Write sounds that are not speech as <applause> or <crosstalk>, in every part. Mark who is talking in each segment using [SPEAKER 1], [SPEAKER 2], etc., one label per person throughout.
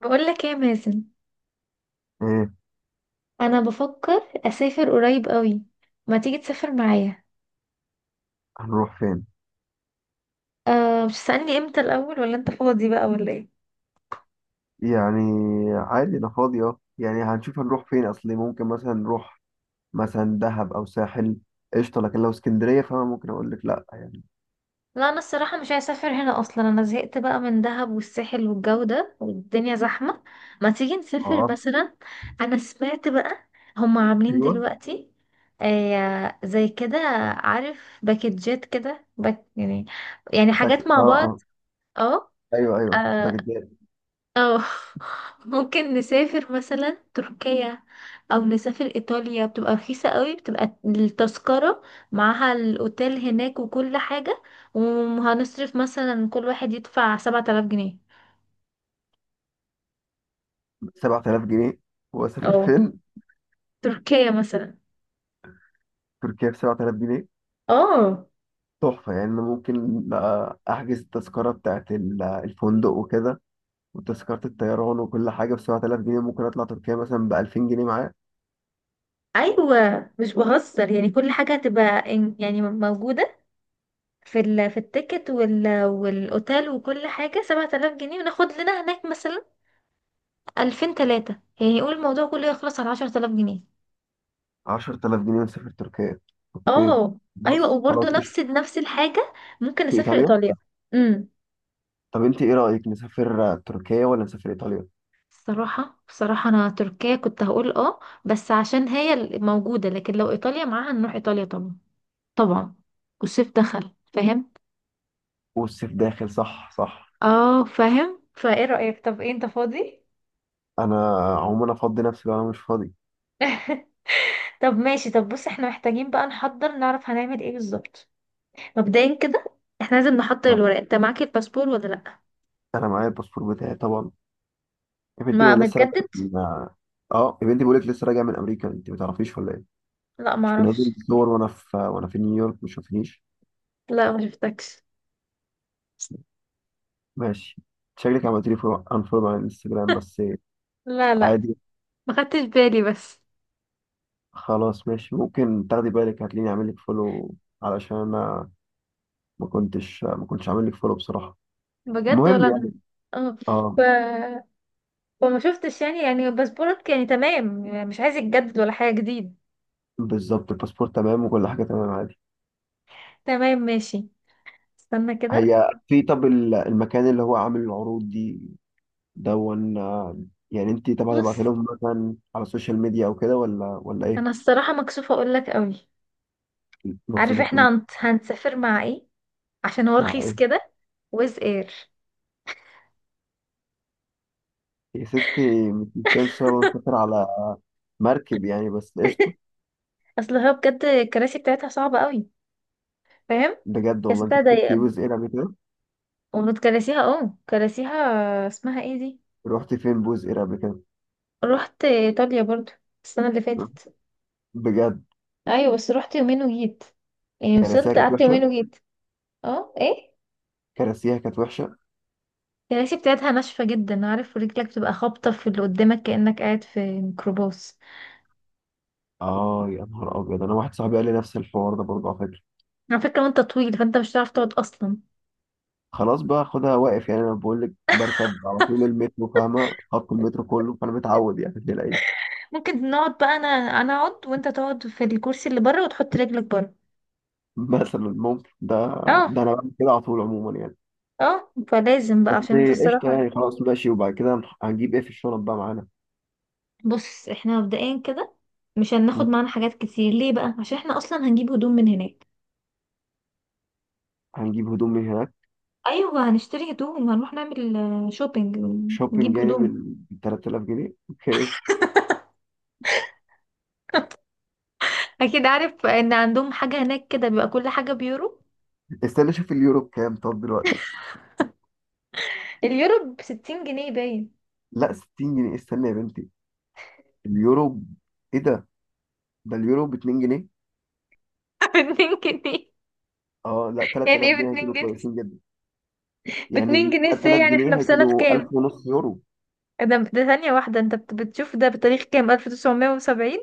[SPEAKER 1] بقول لك ايه يا مازن؟
[SPEAKER 2] ايه،
[SPEAKER 1] انا بفكر اسافر قريب قوي. ما تيجي تسافر معايا؟
[SPEAKER 2] هنروح فين؟
[SPEAKER 1] أه، مش تسألني امتى الاول ولا انت فاضي بقى ولا ايه؟
[SPEAKER 2] يعني عادي انا فاضي يعني هنشوف هنروح فين. اصلي ممكن مثلا نروح مثلا دهب او ساحل. قشطه، لكن لو اسكندريه فانا ممكن اقول لك لا يعني.
[SPEAKER 1] لا، انا الصراحه مش عايزه اسافر هنا اصلا، انا زهقت بقى من دهب والساحل والجو ده والدنيا زحمه. ما تيجي نسافر <laughs>
[SPEAKER 2] اه
[SPEAKER 1] مثلا. انا سمعت بقى هم عاملين
[SPEAKER 2] ايوه
[SPEAKER 1] دلوقتي آه زي كده، عارف باكجات كده، باك يعني، يعني
[SPEAKER 2] باك.
[SPEAKER 1] حاجات
[SPEAKER 2] اه
[SPEAKER 1] مع بعض.
[SPEAKER 2] اه
[SPEAKER 1] اه.
[SPEAKER 2] ايوه ايوه
[SPEAKER 1] آه،
[SPEAKER 2] باكج.
[SPEAKER 1] اه. <laughs> ممكن نسافر مثلا تركيا او نسافر ايطاليا، بتبقى رخيصة قوي، بتبقى التذكرة معاها الاوتيل هناك وكل حاجة، وهنصرف مثلا كل واحد يدفع سبعة آلاف جنيه.
[SPEAKER 2] 7000 جنيه؟ واسافر
[SPEAKER 1] اه،
[SPEAKER 2] فين؟
[SPEAKER 1] تركيا مثلا.
[SPEAKER 2] تركيا ب 7000 جنيه؟
[SPEAKER 1] اه،
[SPEAKER 2] تحفه يعني. انا ممكن بقى احجز التذكره بتاعت الفندق وكده، وتذكره الطيران وكل حاجه ب 7000 جنيه. ممكن اطلع تركيا مثلا ب 2000 جنيه.
[SPEAKER 1] ايوه، مش بهزر يعني، كل حاجة هتبقى موجودة في ال في التيكت وال والاوتيل وكل حاجة سبعة آلاف جنيه، وناخد لنا هناك مثلا ألفين تلاتة، يعني يقول الموضوع كله يخلص على عشرة آلاف جنيه.
[SPEAKER 2] 10000 جنيه ونسافر تركيا؟ اوكي،
[SPEAKER 1] اه. ايوه،
[SPEAKER 2] بص
[SPEAKER 1] وبرضه
[SPEAKER 2] خلاص قشطة.
[SPEAKER 1] نفس الحاجه، ممكن
[SPEAKER 2] في
[SPEAKER 1] اسافر
[SPEAKER 2] ايطاليا؟
[SPEAKER 1] ايطاليا. امم
[SPEAKER 2] طب انت ايه رأيك، نسافر تركيا ولا نسافر ايطاليا؟
[SPEAKER 1] بصراحه، بصراحه انا تركيا كنت هقول اه بس عشان هي اللي موجوده، لكن لو ايطاليا معاها نروح ايطاليا طبعا، طبعا. والصيف دخل فاهم؟
[SPEAKER 2] والصيف داخل، صح صح.
[SPEAKER 1] اه فاهم، فايه رايك؟ طب ايه انت فاضي؟
[SPEAKER 2] انا عموما افضي نفسي لو انا مش فاضي.
[SPEAKER 1] <laughs> طب ماشي، طب بص، احنا محتاجين بقى نحضر، نعرف هنعمل ايه بالظبط. مبدئيا كده احنا لازم نحضر
[SPEAKER 2] طب
[SPEAKER 1] الورق. انت معاك الباسبور ولا لا؟
[SPEAKER 2] انا معايا الباسبور بتاعي طبعا. يا بنتي
[SPEAKER 1] ما
[SPEAKER 2] ما لسه راجع
[SPEAKER 1] متجدد؟
[SPEAKER 2] من. اه يا بنتي بقول لك لسه راجع من امريكا، انت ما تعرفيش ولا ايه؟
[SPEAKER 1] لا
[SPEAKER 2] مش بنزل
[SPEAKER 1] معرفش.
[SPEAKER 2] صور وانا في نيويورك؟ ما شوفنيش؟
[SPEAKER 1] لا ما شفتكش.
[SPEAKER 2] ماشي. شكلك عملت لي انفولو على الانستجرام بس.
[SPEAKER 1] لا لا،
[SPEAKER 2] عادي.
[SPEAKER 1] ما خدتش بالي بس.
[SPEAKER 2] خلاص ماشي، ممكن تاخدي بالك هتلاقيني عامل لك فولو، علشان انا ما كنتش عامل لك فولو بصراحه.
[SPEAKER 1] بجد، ولا
[SPEAKER 2] المهم
[SPEAKER 1] انا.
[SPEAKER 2] يعني.
[SPEAKER 1] اه. ف...
[SPEAKER 2] اه.
[SPEAKER 1] فما شفتش يعني، يعني باسبورك يعني تمام، يعني مش عايز يتجدد ولا حاجه جديد؟
[SPEAKER 2] بالظبط، الباسبور تمام وكل حاجه تمام عادي.
[SPEAKER 1] تمام ماشي. استنى كده.
[SPEAKER 2] هي في، طب المكان اللي هو عامل العروض دي دون يعني انت طبعا
[SPEAKER 1] بص،
[SPEAKER 2] هتبعتي لهم مثلا على السوشيال ميديا او كده ولا ايه؟
[SPEAKER 1] انا الصراحه مكسوفه اقول لك قوي.
[SPEAKER 2] المقصود
[SPEAKER 1] عارف احنا
[SPEAKER 2] هتقولي.
[SPEAKER 1] هنسافر مع ايه؟ عشان هو
[SPEAKER 2] مع
[SPEAKER 1] رخيص
[SPEAKER 2] ايه؟
[SPEAKER 1] كده. ويز اير.
[SPEAKER 2] يا ستي مش مسافر سافر على مركب يعني، بس قشطه.
[SPEAKER 1] اصل هو بجد الكراسي بتاعتها صعبه قوي، فاهم؟
[SPEAKER 2] بجد
[SPEAKER 1] يا
[SPEAKER 2] والله، انت
[SPEAKER 1] ستة
[SPEAKER 2] كنت
[SPEAKER 1] ضيقة،
[SPEAKER 2] بوز اير قبل كده؟
[SPEAKER 1] ومن كراسيها، اه كراسيها، اسمها ايه دي.
[SPEAKER 2] رحت فين بوز اير قبل كده؟
[SPEAKER 1] رحت ايطاليا برضو السنه اللي فاتت.
[SPEAKER 2] بجد؟
[SPEAKER 1] ايوه بس رحت يومين وجيت، يعني
[SPEAKER 2] كراسيها
[SPEAKER 1] وصلت
[SPEAKER 2] كانت
[SPEAKER 1] قعدت يومين
[SPEAKER 2] وحشه؟
[SPEAKER 1] وجيت. اه ايه؟
[SPEAKER 2] كراسيها كانت وحشه.
[SPEAKER 1] الكراسي بتاعتها ناشفة جدا، عارف رجلك بتبقى خابطة في اللي قدامك كأنك قاعد في ميكروباص.
[SPEAKER 2] اه يا نهار ابيض، انا واحد صاحبي قال لي نفس الحوار ده برضه على فكره.
[SPEAKER 1] على فكرة، وانت طويل فانت مش هتعرف تقعد اصلا.
[SPEAKER 2] خلاص بقى خدها واقف يعني، انا بقول لك بركب على طول المترو فاهمه، خط المترو كله، فانا متعود يعني الدنيا العيش.
[SPEAKER 1] ممكن نقعد بقى، انا اقعد وانت تقعد في الكرسي اللي بره وتحط رجلك بره.
[SPEAKER 2] <laughs> مثلا ممكن ده.
[SPEAKER 1] اه.
[SPEAKER 2] ده انا بعمل كده على طول عموما يعني.
[SPEAKER 1] اه، فلازم بقى
[SPEAKER 2] بس
[SPEAKER 1] عشان انت
[SPEAKER 2] قشطه يعني،
[SPEAKER 1] الصراحة.
[SPEAKER 2] خلاص ماشي. وبعد كده هنجيب ايه في الشنط بقى معانا؟
[SPEAKER 1] بص احنا مبدئيا كده مش هناخد
[SPEAKER 2] م؟
[SPEAKER 1] معانا حاجات كتير. ليه بقى؟ عشان احنا اصلا هنجيب هدوم من هناك.
[SPEAKER 2] هنجيب هدوم من هناك؟
[SPEAKER 1] ايوه، هنشتري هدوم وهنروح نعمل شوبينج
[SPEAKER 2] شوبينج
[SPEAKER 1] ونجيب
[SPEAKER 2] يعني
[SPEAKER 1] هدوم.
[SPEAKER 2] بال 3000 جنيه. اوكي.
[SPEAKER 1] اكيد، عارف ان عندهم حاجة هناك كده بيبقى كل حاجة بيورو.
[SPEAKER 2] استنى اشوف اليورو بكام طب دلوقتي.
[SPEAKER 1] اليورو بستين جنيه باين.
[SPEAKER 2] لا 60 جنيه؟ استنى يا بنتي. اليورو. ايه ده؟ ده اليورو ب 2 جنيه؟
[SPEAKER 1] <laughs> باتنين جنيه؟
[SPEAKER 2] اه لا،
[SPEAKER 1] يعني
[SPEAKER 2] 3000
[SPEAKER 1] ايه
[SPEAKER 2] جنيه
[SPEAKER 1] باتنين
[SPEAKER 2] هيكونوا
[SPEAKER 1] جنيه؟
[SPEAKER 2] كويسين جدا.
[SPEAKER 1] باتنين
[SPEAKER 2] يعني
[SPEAKER 1] جنيه ازاي؟
[SPEAKER 2] 3000
[SPEAKER 1] يعني احنا
[SPEAKER 2] جنيه
[SPEAKER 1] في سنة
[SPEAKER 2] هيكونوا
[SPEAKER 1] كام؟
[SPEAKER 2] 1000 ونص يورو.
[SPEAKER 1] ده ثانية واحدة، انت بتشوف ده بتاريخ كام، 1970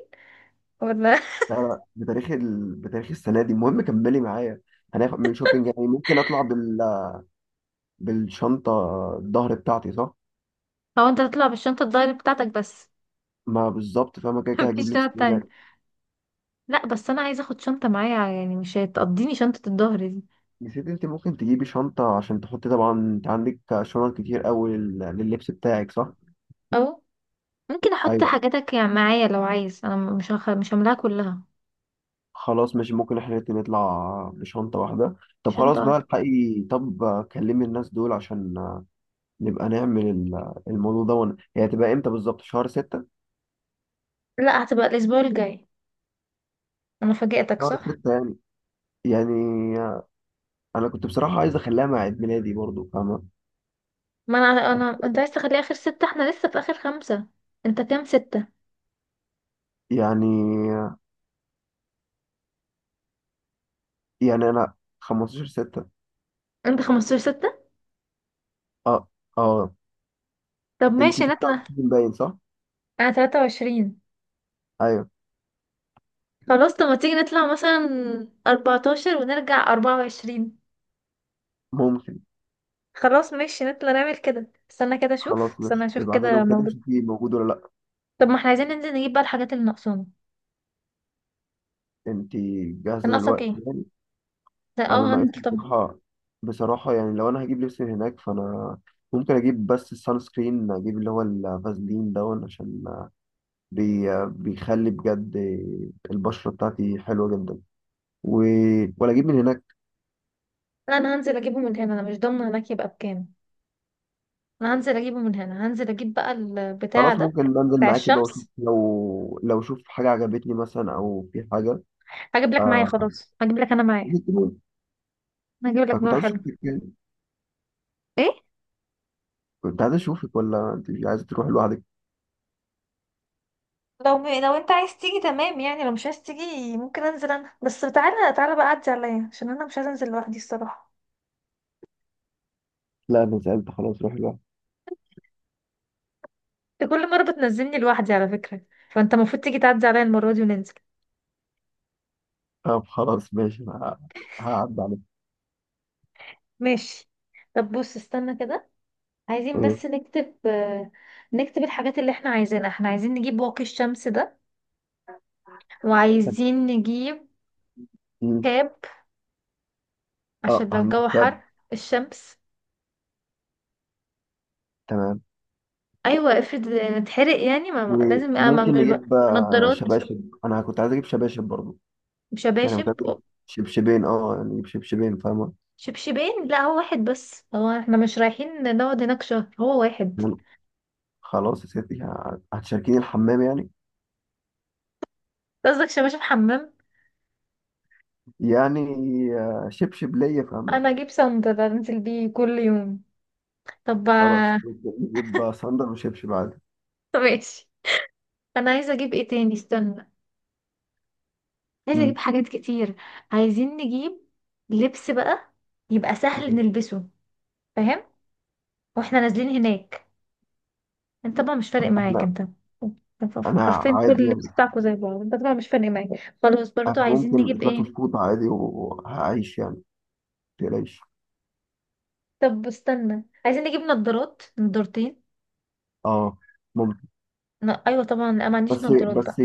[SPEAKER 1] ولا؟
[SPEAKER 2] لا لا، بتاريخ السنه دي. المهم كملي معايا. هناخد من شوبينج يعني، ممكن اطلع بالشنطه الظهر بتاعتي صح؟
[SPEAKER 1] <laughs> هو انت هتطلع بالشنطة الدايري بتاعتك بس؟
[SPEAKER 2] ما بالظبط، فاهمه كده
[SPEAKER 1] <laughs>
[SPEAKER 2] كده
[SPEAKER 1] مفيش
[SPEAKER 2] هجيب
[SPEAKER 1] شنطة
[SPEAKER 2] لبس من
[SPEAKER 1] تانية؟
[SPEAKER 2] هناك.
[SPEAKER 1] لا بس انا عايزة اخد شنطة معايا يعني، مش هتقضيني شنطة الظهر دي.
[SPEAKER 2] نسيت؟ انت ممكن تجيبي شنطه عشان تحطي، طبعا انت عندك شنط كتير قوي لللبس بتاعك صح؟
[SPEAKER 1] او ممكن احط
[SPEAKER 2] ايوه
[SPEAKER 1] حاجاتك يعني معايا لو عايز، انا مش هملاها كلها.
[SPEAKER 2] خلاص ماشي، ممكن احنا الاتنين نطلع بشنطه واحده. طب خلاص
[SPEAKER 1] شنطة واحدة.
[SPEAKER 2] بقى الحقي، طب كلمي الناس دول، عشان نبقى نعمل الموضوع ده هي هتبقى امتى بالظبط؟ شهر ستة؟
[SPEAKER 1] لا هتبقى الاسبوع الجاي. انا فاجئتك
[SPEAKER 2] شهر
[SPEAKER 1] صح؟
[SPEAKER 2] ستة يعني. يعني انا كنت بصراحة عايز اخليها مع عيد ميلادي برضو، فاهمة
[SPEAKER 1] ما انا، انت عايز تخليه اخر ستة، احنا لسه في اخر خمسة. انت كام ستة؟
[SPEAKER 2] يعني يعني انا 15 ستة.
[SPEAKER 1] انت خمستاشر ستة؟
[SPEAKER 2] اه اه.
[SPEAKER 1] طب ماشي
[SPEAKER 2] انتي تبقى
[SPEAKER 1] نطلع.
[SPEAKER 2] باين صح؟
[SPEAKER 1] انا تلاتة وعشرين.
[SPEAKER 2] ايوه.
[SPEAKER 1] خلاص، طب ما تيجي نطلع مثلا اربعتاشر ونرجع اربعة وعشرين.
[SPEAKER 2] ممكن.
[SPEAKER 1] خلاص ماشي، نطلع نعمل كده. استنى كده اشوف،
[SPEAKER 2] خلاص
[SPEAKER 1] استنى
[SPEAKER 2] ماشي،
[SPEAKER 1] اشوف
[SPEAKER 2] ابعت
[SPEAKER 1] كده
[SPEAKER 2] لهم كده
[SPEAKER 1] موجود.
[SPEAKER 2] شوفي موجود ولا لا.
[SPEAKER 1] طب ما احنا عايزين ننزل نجيب بقى الحاجات اللي ناقصانا.
[SPEAKER 2] انتي
[SPEAKER 1] كان
[SPEAKER 2] جاهزة
[SPEAKER 1] ناقصك
[SPEAKER 2] دلوقتي
[SPEAKER 1] ايه؟
[SPEAKER 2] يعني؟
[SPEAKER 1] ده
[SPEAKER 2] انا
[SPEAKER 1] اه هنزل
[SPEAKER 2] ناقصني
[SPEAKER 1] طبعا.
[SPEAKER 2] بصراحة. بصراحة يعني، لو انا هجيب لبس من هناك، فانا ممكن اجيب بس السان سكرين، اجيب اللي هو الفازلين ده، عشان بيخلي بجد البشرة بتاعتي حلوة جدا. و... ولا اجيب من هناك؟
[SPEAKER 1] لا انا هنزل اجيبه من هنا، انا مش ضامنه هناك يبقى بكام. انا هنزل اجيبه من هنا، هنزل اجيب بقى البتاع
[SPEAKER 2] خلاص
[SPEAKER 1] ده،
[SPEAKER 2] ممكن بنزل
[SPEAKER 1] بتاع
[SPEAKER 2] معاكي بقى، واشوف
[SPEAKER 1] الشمس.
[SPEAKER 2] لو اشوف حاجة عجبتني مثلا، او في حاجة.
[SPEAKER 1] هجيب لك معايا،
[SPEAKER 2] آه...
[SPEAKER 1] خلاص هجيب لك انا معايا.
[SPEAKER 2] أنا
[SPEAKER 1] انا هجيب لك
[SPEAKER 2] كنت
[SPEAKER 1] نوع
[SPEAKER 2] عايز
[SPEAKER 1] حلو.
[SPEAKER 2] اشوفك يعني.
[SPEAKER 1] ايه؟
[SPEAKER 2] كنت عايز اشوفك، ولا انت مش عايزة تروح لوحدك؟
[SPEAKER 1] لو انت عايز تيجي تمام يعني، لو مش عايز تيجي ممكن انزل انا بس. تعالى، تعالى بقى عدي عليا عشان انا مش عايزه انزل لوحدي الصراحه.
[SPEAKER 2] لا انا سألت، خلاص روح لوحدك.
[SPEAKER 1] انت كل مره بتنزلني لوحدي على فكره، فانت المفروض تيجي تعدي عليا المره دي وننزل.
[SPEAKER 2] طب خلاص ماشي، أنا هعدي عليك.
[SPEAKER 1] ماشي. طب بص، استنى كده، عايزين
[SPEAKER 2] إيه؟
[SPEAKER 1] بس نكتب نكتب الحاجات اللي احنا عايزينها. احنا عايزين نجيب واقي الشمس ده،
[SPEAKER 2] طب
[SPEAKER 1] وعايزين نجيب
[SPEAKER 2] إيه؟
[SPEAKER 1] كاب
[SPEAKER 2] اه
[SPEAKER 1] عشان لو
[SPEAKER 2] هنجيب
[SPEAKER 1] الجو
[SPEAKER 2] كاب.
[SPEAKER 1] حر، الشمس.
[SPEAKER 2] تمام.
[SPEAKER 1] ايوه، افرض نتحرق يعني، لازم
[SPEAKER 2] وممكن
[SPEAKER 1] اعمل بقى
[SPEAKER 2] نجيب
[SPEAKER 1] نضارات.
[SPEAKER 2] شباشب، انا كنت عايز اجيب شباشب برضه. يعني
[SPEAKER 1] شباشب،
[SPEAKER 2] كنت عايز اجيب شبشبين، يعني نجيب شبشبين فاهمة.
[SPEAKER 1] شبشبين. لا هو واحد بس، هو احنا مش رايحين نقعد هناك شهر، هو واحد.
[SPEAKER 2] مم. خلاص يا ستي، هتشاركيني الحمام يعني؟
[SPEAKER 1] قصدك شباشب حمام؟
[SPEAKER 2] يعني شبشب ليا فاهمة.
[SPEAKER 1] انا اجيب صندل انزل بيه كل يوم. طب.
[SPEAKER 2] خلاص
[SPEAKER 1] <laughs>
[SPEAKER 2] نجيب صندل وشبشب عادي.
[SPEAKER 1] طب ماشي، انا عايزه اجيب ايه تاني؟ استنى، عايزه اجيب
[SPEAKER 2] مم.
[SPEAKER 1] حاجات كتير. عايزين نجيب لبس بقى يبقى سهل
[SPEAKER 2] مم.
[SPEAKER 1] نلبسه، فاهم؟ واحنا نازلين هناك انت طبعا مش فارق
[SPEAKER 2] طب
[SPEAKER 1] معاك
[SPEAKER 2] احنا.
[SPEAKER 1] انت،
[SPEAKER 2] انا
[SPEAKER 1] حرفيا كل
[SPEAKER 2] عادي يعني.
[SPEAKER 1] اللبس بتاعكوا زي بعض، انت طبعا مش فارق معاك. خلاص، برضو
[SPEAKER 2] انا
[SPEAKER 1] عايزين
[SPEAKER 2] ممكن
[SPEAKER 1] نجيب ايه؟
[SPEAKER 2] اتلفف فوط عادي وهعيش يعني، متقلقيش.
[SPEAKER 1] طب استنى، عايزين نجيب نضارات، نضارتين.
[SPEAKER 2] اه ممكن.
[SPEAKER 1] لا ايوه طبعا، لا ما عنديش
[SPEAKER 2] بس
[SPEAKER 1] نضارات بقى.
[SPEAKER 2] بس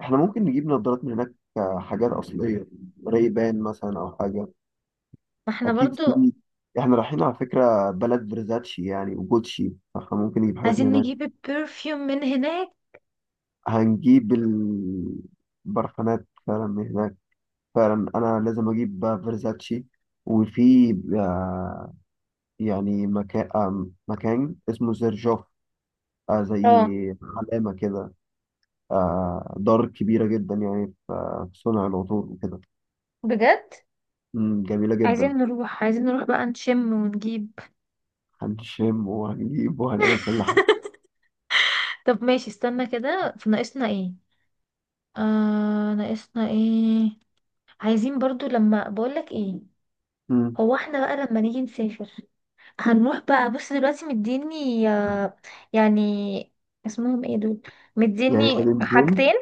[SPEAKER 2] احنا ممكن نجيب نظارات من هناك، حاجات اصلية. ريبان مثلا، او حاجة.
[SPEAKER 1] ما احنا
[SPEAKER 2] اكيد
[SPEAKER 1] برضو
[SPEAKER 2] في. احنا رايحين على فكرة بلد برزاتشي يعني وجوتشي، فاحنا ممكن نجيب حاجات من
[SPEAKER 1] عايزين
[SPEAKER 2] هناك.
[SPEAKER 1] نجيب برفيوم من هناك.
[SPEAKER 2] هنجيب البرفانات فعلا من هناك. فعلا انا لازم اجيب بقى فيرزاتشي. وفي آه، يعني مكان، مكان اسمه زرجوف.
[SPEAKER 1] اه.
[SPEAKER 2] زي علامة كده. دار كبيرة جدا يعني في، صنع العطور وكده.
[SPEAKER 1] بجد؟
[SPEAKER 2] جميلة
[SPEAKER 1] عايزين
[SPEAKER 2] جدا.
[SPEAKER 1] نروح، عايزين نروح بقى نشم ونجيب.
[SPEAKER 2] هنشم وهنجيب وهنعمل كل حاجة.
[SPEAKER 1] طب ماشي، استنى كده، في ناقصنا ايه؟ آه ناقصنا ايه؟ عايزين برضو لما بقولك ايه.
[SPEAKER 2] مم.
[SPEAKER 1] هو احنا بقى لما نيجي نسافر هنروح بقى، بص دلوقتي مديني يعني اسمهم ايه دول،
[SPEAKER 2] يعني
[SPEAKER 1] مديني
[SPEAKER 2] مدينتين.
[SPEAKER 1] حاجتين.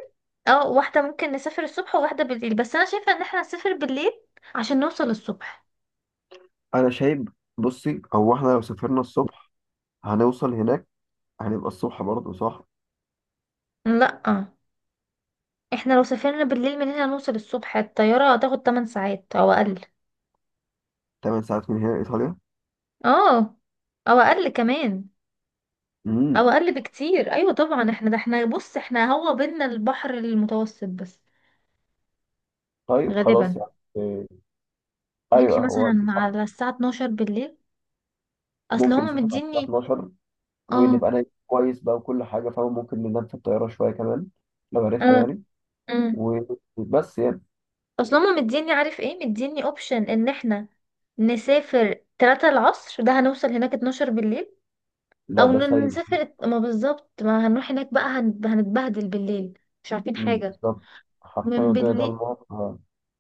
[SPEAKER 1] اه، واحدة ممكن نسافر الصبح وواحدة بالليل، بس انا شايفة ان احنا نسافر بالليل عشان نوصل الصبح.
[SPEAKER 2] أنا شايف. بصي هو إحنا لو سافرنا الصبح، هنوصل هناك، هنبقى الصبح برضه صح؟
[SPEAKER 1] لا اه، احنا لو سافرنا بالليل من هنا نوصل الصبح، الطيارة هتاخد 8 ساعات او اقل.
[SPEAKER 2] 8 ساعات من هنا إيطاليا؟
[SPEAKER 1] اه، او اقل كمان،
[SPEAKER 2] مم.
[SPEAKER 1] او اقل بكتير. ايوه طبعا احنا، ده احنا بص احنا هو بينا البحر المتوسط بس،
[SPEAKER 2] طيب خلاص
[SPEAKER 1] غالبا.
[SPEAKER 2] يعني. إيه؟
[SPEAKER 1] نمشي
[SPEAKER 2] ايوه هو
[SPEAKER 1] مثلا
[SPEAKER 2] ده صح.
[SPEAKER 1] على الساعة 12 بالليل. اصل
[SPEAKER 2] ممكن
[SPEAKER 1] هما
[SPEAKER 2] نسافر على الساعه
[SPEAKER 1] مديني.
[SPEAKER 2] 12،
[SPEAKER 1] اه.
[SPEAKER 2] ونبقى نايم كويس بقى وكل حاجه فاهم، ممكن ننام في الطياره شويه كمان لو عرفنا
[SPEAKER 1] اه.
[SPEAKER 2] يعني.
[SPEAKER 1] آه.
[SPEAKER 2] وبس يعني.
[SPEAKER 1] اصل هما مديني، عارف ايه مديني؟ اوبشن ان احنا نسافر 3 العصر، ده هنوصل هناك 12 بالليل.
[SPEAKER 2] لا
[SPEAKER 1] او
[SPEAKER 2] ده سيء.
[SPEAKER 1] نسافر، ما بالظبط، ما هنروح هناك بقى هنتبهدل بالليل، مش عارفين حاجة
[SPEAKER 2] بالظبط. حرفيا
[SPEAKER 1] من
[SPEAKER 2] الدنيا ده
[SPEAKER 1] بالليل.
[SPEAKER 2] النهار.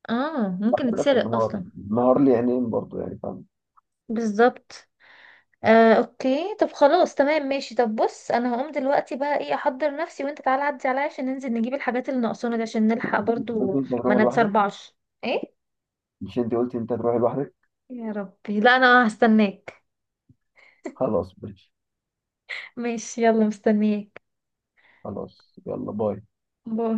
[SPEAKER 1] اه، ممكن
[SPEAKER 2] ده في
[SPEAKER 1] نتسرق
[SPEAKER 2] النهار،
[SPEAKER 1] اصلا.
[SPEAKER 2] النهار لي عينين برضه يعني فاهم.
[SPEAKER 1] بالظبط. آه اوكي، طب خلاص تمام ماشي. طب بص انا هقوم دلوقتي بقى، ايه، احضر نفسي، وانت تعالى عدي عليا عشان ننزل نجيب الحاجات اللي ناقصانا دي عشان نلحق
[SPEAKER 2] قلت
[SPEAKER 1] برضو،
[SPEAKER 2] انت
[SPEAKER 1] ما
[SPEAKER 2] هتروح لوحدك؟
[SPEAKER 1] نتسربعش. ايه؟
[SPEAKER 2] مش انت قلت انت هتروح لوحدك؟
[SPEAKER 1] يا ربي، لا انا هستناك.
[SPEAKER 2] خلاص ماشي.
[SPEAKER 1] ماشي يلا مستنياك.
[SPEAKER 2] خلاص يلا باي.
[SPEAKER 1] باي.